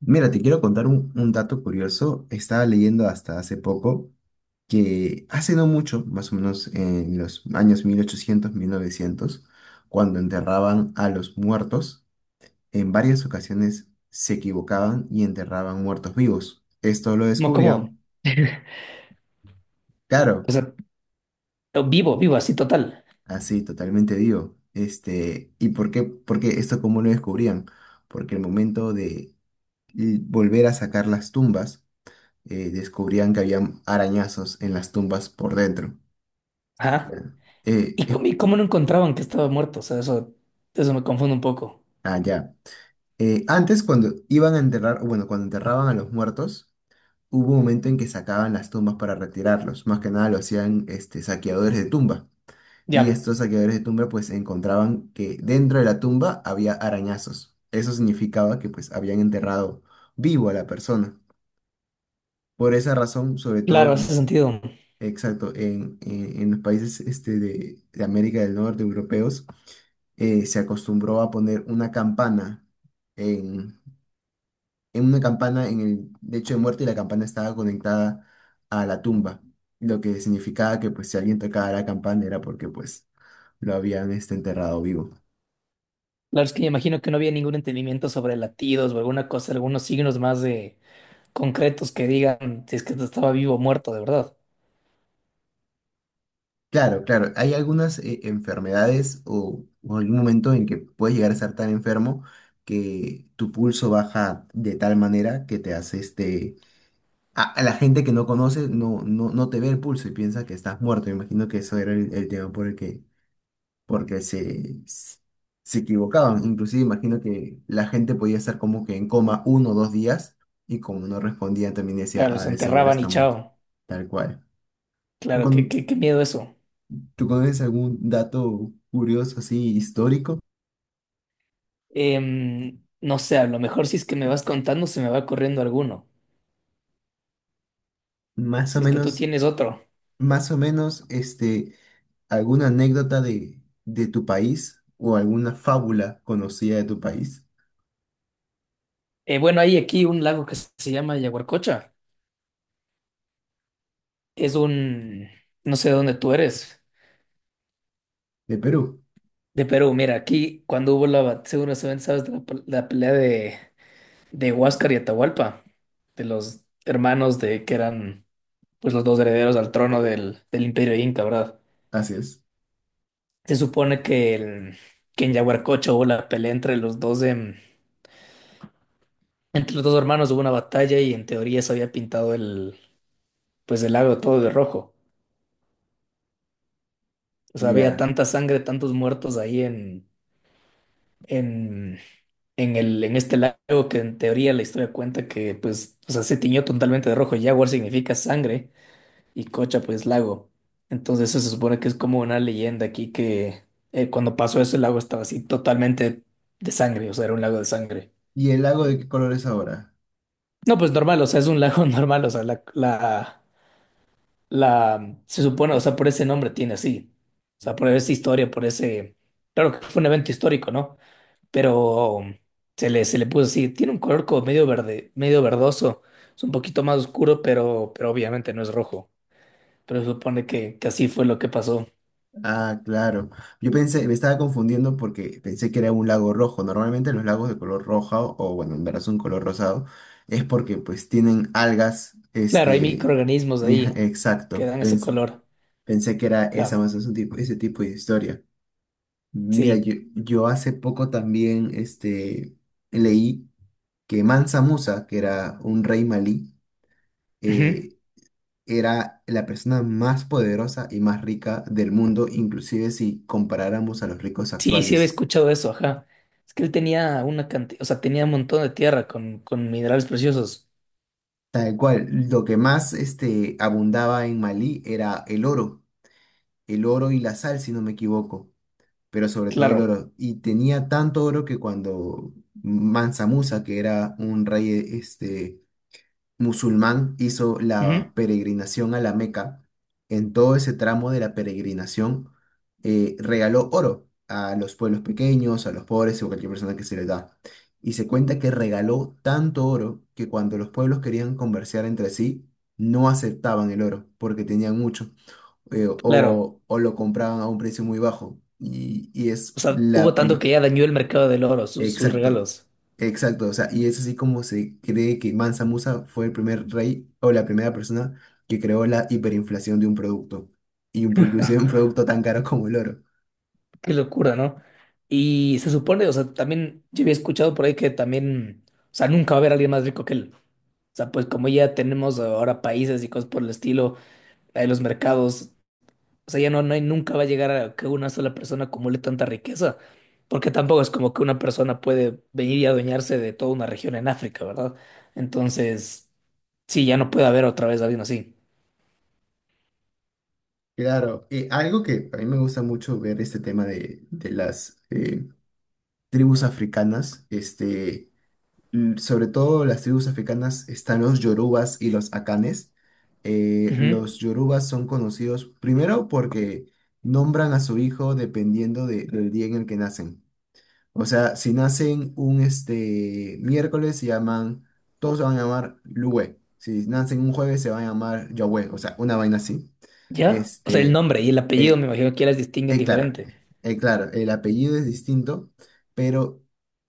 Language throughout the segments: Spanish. Mira, te quiero contar un dato curioso. Estaba leyendo hasta hace poco que hace no mucho, más o menos en los años 1800 1900, cuando enterraban a los muertos, en varias ocasiones se equivocaban y enterraban muertos vivos. Esto lo Como cómodo. descubrían, claro, O sea, vivo, vivo, así total. así totalmente vivo. ¿Y por qué esto cómo lo descubrían? Porque el momento de volver a sacar las tumbas, descubrían que había arañazos en las tumbas por dentro. Ya. Ajá. Eh, ¿Y es- cómo no encontraban que estaba muerto? O sea, eso me confunde un poco. ah, ya. Antes, cuando iban a enterrar, o bueno, cuando enterraban a los muertos, hubo un momento en que sacaban las tumbas para retirarlos. Más que nada lo hacían saqueadores de tumba. Y Ya, estos saqueadores de tumba pues encontraban que dentro de la tumba había arañazos. Eso significaba que pues habían enterrado vivo a la persona. Por esa razón, sobre claro, todo. hace sentido. Exacto, en, en los países de América del Norte, europeos, se acostumbró a poner una campana en, en una campana en el lecho de muerte y la campana estaba conectada a la tumba, lo que significaba que pues si alguien tocaba la campana era porque pues lo habían enterrado vivo. Claro, es que me imagino que no había ningún entendimiento sobre latidos o alguna cosa, algunos signos más de concretos que digan si es que estaba vivo o muerto, de verdad. Claro, claro, hay algunas enfermedades o algún momento en que puedes llegar a estar tan enfermo que tu pulso baja de tal manera que te hace a la gente que no conoce no te ve el pulso y piensa que estás muerto. Me imagino que eso era el tema por el que porque se equivocaban. Inclusive imagino que la gente podía estar como que en coma uno o dos días y como no respondían también decía, Claro, ah, los de seguro enterraban y está muerto. chao. Tal cual. ¿Tú, Claro, qué, con, qué, qué miedo eso. Tú conoces algún dato curioso así histórico? No sé, a lo mejor si es que me vas contando se me va corriendo alguno. Más Si o es que tú menos, tienes otro. Más o menos, alguna anécdota de tu país o alguna fábula conocida de tu país, Bueno, hay aquí un lago que se llama Yaguarcocha es un, no sé de dónde tú eres, de Perú. de Perú. Mira, aquí cuando hubo seguro sabes, de la pelea de Huáscar y Atahualpa, de los hermanos de que eran pues los dos herederos al trono del Imperio Inca, ¿verdad? Así es. Se supone que en Yaguarcocho hubo la pelea entre los dos, entre los dos hermanos hubo una batalla y en teoría se había pintado pues el lago todo de rojo. O sea, había Ya. tanta sangre, tantos muertos ahí en, en este lago que en teoría la historia cuenta que pues, o sea, se tiñó totalmente de rojo. Jaguar significa sangre y Cocha pues lago. Entonces eso se supone que es como una leyenda aquí que cuando pasó eso el lago estaba así totalmente de sangre, o sea, era un lago de sangre. ¿Y el lago de qué color es ahora? No, pues normal, o sea, es un lago normal, o sea, se supone, o sea, por ese nombre tiene así, o sea, por esa historia, por ese, claro que fue un evento histórico, ¿no? Pero se le puso así. Tiene un color como medio verde, medio verdoso. Es un poquito más oscuro, pero obviamente no es rojo. Pero se supone que así fue lo que pasó. Ah, claro. Yo pensé, me estaba confundiendo porque pensé que era un lago rojo. Normalmente los lagos de color roja bueno, en verdad son color rosado, es porque pues tienen algas, Claro, hay microorganismos ahí que exacto. dan ese color. Pensé que era esa Ajá, más o menos un tipo, ese tipo de historia. Mira, sí. yo hace poco también, leí que Mansa Musa, que era un rey malí, Ujú. eh, era la persona más poderosa y más rica del mundo, inclusive si comparáramos a los ricos Sí, sí había actuales. escuchado eso, ajá. Es que él tenía una cantidad, o sea, tenía un montón de tierra con minerales preciosos. Tal cual, lo que más abundaba en Malí era el oro y la sal, si no me equivoco, pero sobre todo el Claro. oro. Y tenía tanto oro que cuando Mansa Musa, que era un rey este, musulmán hizo Ujú. la peregrinación a la Meca, en todo ese tramo de la peregrinación regaló oro a los pueblos pequeños, a los pobres o cualquier persona que se le da. Y se cuenta que regaló tanto oro que cuando los pueblos querían conversar entre sí, no aceptaban el oro porque tenían mucho Claro. o lo compraban a un precio muy bajo. O sea, hubo tanto que ya dañó el mercado del oro, sus Exacto, regalos. exacto, o sea, y es así como se cree que Mansa Musa fue el primer rey o la primera persona que creó la hiperinflación de un producto, inclusive un producto tan caro como el oro. Qué locura, ¿no? Y se supone, o sea, también yo había escuchado por ahí que también, o sea, nunca va a haber alguien más rico que él. O sea, pues como ya tenemos ahora países y cosas por el estilo, hay los mercados, o sea, ya no, no hay, nunca va a llegar a que una sola persona acumule tanta riqueza, porque tampoco es como que una persona puede venir y adueñarse de toda una región en África, ¿verdad? Entonces, sí, ya no puede haber otra vez alguien así. Claro, y algo que a mí me gusta mucho ver este tema de las tribus africanas, sobre todo las tribus africanas están los yorubas y los akanes. Ujú. Los yorubas son conocidos primero porque nombran a su hijo dependiendo del día en el que nacen. O sea, si nacen un miércoles, se llaman, todos se van a llamar Luwe. Si nacen un jueves, se van a llamar Yahweh, o sea, una vaina así. ¿Ya? O sea, el Este, nombre y el apellido eh, me imagino que ya las distinguen claro, diferente, claro, el apellido es distinto, pero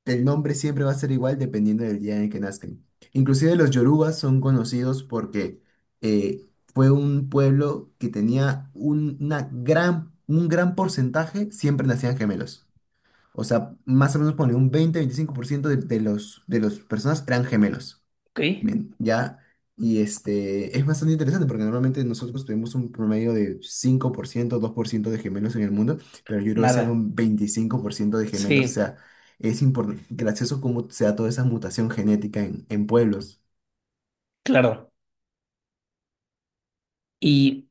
el nombre siempre va a ser igual dependiendo del día en el que nazcan. Inclusive los yorubas son conocidos porque eh, fue un pueblo que tenía un gran porcentaje, siempre nacían gemelos. O sea, más o menos pone un 20-25% de las personas eran gemelos. ¿ok? Bien, ya, y es bastante interesante porque normalmente nosotros tuvimos un promedio de 5% 2% de gemelos en el mundo, pero yo creo que será Nada. un 25% de gemelos, o Sí. sea, es importante, gracioso cómo se da toda esa mutación genética en pueblos. Claro. Y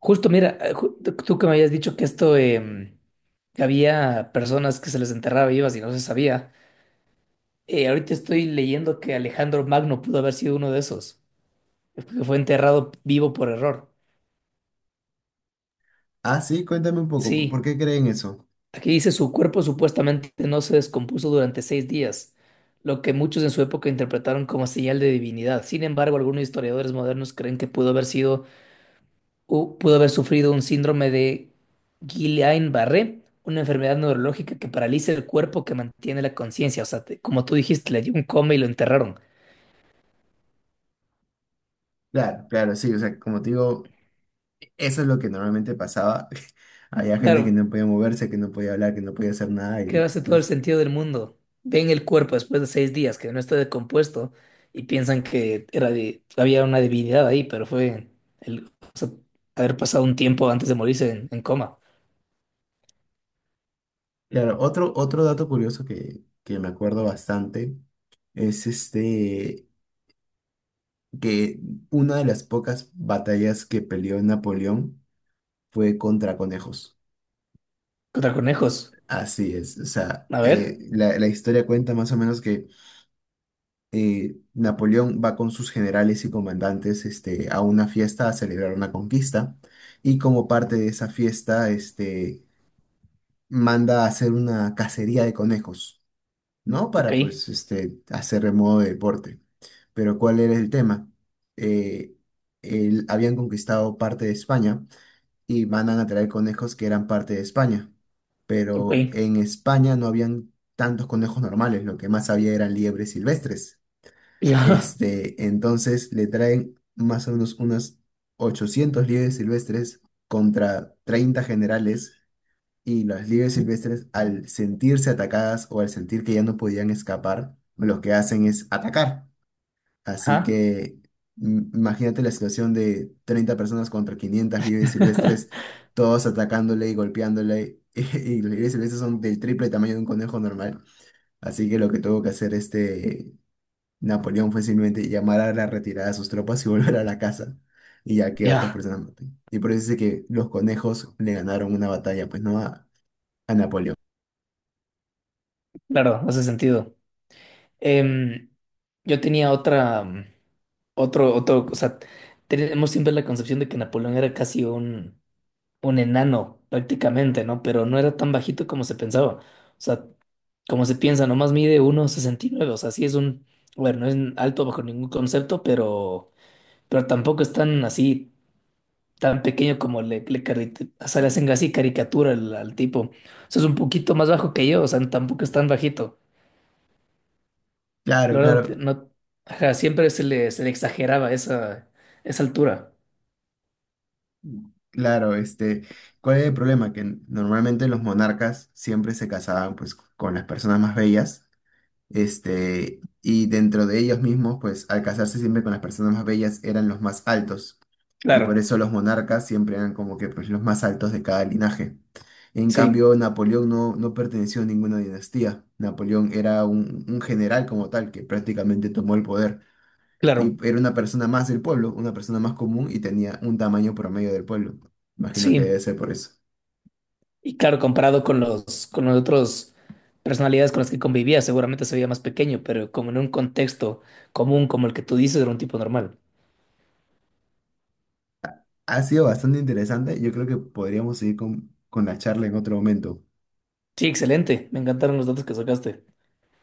justo, mira, tú que me habías dicho que esto, que había personas que se les enterraba vivas y no se sabía, ahorita estoy leyendo que Alejandro Magno pudo haber sido uno de esos, que fue enterrado vivo por error. Ah, sí, cuéntame un poco, ¿por Sí, qué creen eso? aquí dice su cuerpo supuestamente no se descompuso durante 6 días, lo que muchos en su época interpretaron como señal de divinidad. Sin embargo, algunos historiadores modernos creen que pudo haber sufrido un síndrome de Guillain-Barré, una enfermedad neurológica que paraliza el cuerpo que mantiene la conciencia. O sea, como tú dijiste, le dio un coma y lo enterraron. Claro, claro, sí, o sea, como te digo, eso es lo que normalmente pasaba. Había gente que Claro, no podía moverse, que no podía hablar, que no podía hacer nada que y... hace todo el sentido del mundo. Ven el cuerpo después de 6 días que no está decompuesto y piensan que era de, había una debilidad ahí, pero fue el, o sea, haber pasado un tiempo antes de morirse en coma. Claro, otro dato curioso que me acuerdo bastante es que una de las pocas batallas que peleó Napoleón fue contra conejos. Contra conejos. Así es, o sea, A ver, la historia cuenta más o menos que Napoleón va con sus generales y comandantes a una fiesta a celebrar una conquista y como parte de esa fiesta manda a hacer una cacería de conejos, ¿no? ok, Para pues hacer de modo de deporte. Pero ¿cuál era el tema? Eh, Habían conquistado parte de España y mandan a traer conejos que eran parte de España. ok. Pero en España no habían tantos conejos normales, lo que más había eran liebres silvestres. Ya, Entonces le traen más o menos unas 800 liebres silvestres contra 30 generales y las liebres silvestres al sentirse atacadas o al sentir que ya no podían escapar, lo que hacen es atacar. Así ajá, que imagínate la situación de 30 personas contra 500 liebres silvestres, todos atacándole y golpeándole. Y, los liebres silvestres son del triple tamaño de un conejo normal. Así que lo que tuvo que hacer Napoleón fue simplemente llamar a la retirada de sus tropas y volver a la casa. Y ya que otras ya, personas maten. Y por eso dice que los conejos le ganaron una batalla, pues no a, a Napoleón. claro, hace sentido. Em, yo tenía otra, o sea, tenemos siempre la concepción de que Napoleón era casi un enano, prácticamente, ¿no? Pero no era tan bajito como se pensaba. O sea, como se piensa, nomás mide uno sesenta y nueve. O sea, sí es un, bueno, no es alto bajo ningún concepto, pero tampoco es tan así, tan pequeño como o sea, le hacen así caricatura al tipo. O sea, es un poquito más bajo que yo, o sea, tampoco es tan bajito. La Claro, verdad, claro. no, ajá, siempre se le exageraba esa altura. Claro, ¿cuál es el problema? Que normalmente los monarcas siempre se casaban pues con las personas más bellas, y dentro de ellos mismos, pues al casarse siempre con las personas más bellas eran los más altos, y por Claro, eso los monarcas siempre eran como que pues los más altos de cada linaje. En sí, cambio, Napoleón no perteneció a ninguna dinastía. Napoleón era un general como tal que prácticamente tomó el poder. Y claro, era una persona más del pueblo, una persona más común y tenía un tamaño promedio del pueblo. Imagino que debe sí. ser por eso. Y claro, comparado con los, otros personalidades con las que convivía, seguramente se veía más pequeño, pero como en un contexto común como el que tú dices, era un tipo normal. Ha sido bastante interesante. Yo creo que podríamos seguir con la charla en otro momento. Sí, excelente. Me encantaron los datos que sacaste.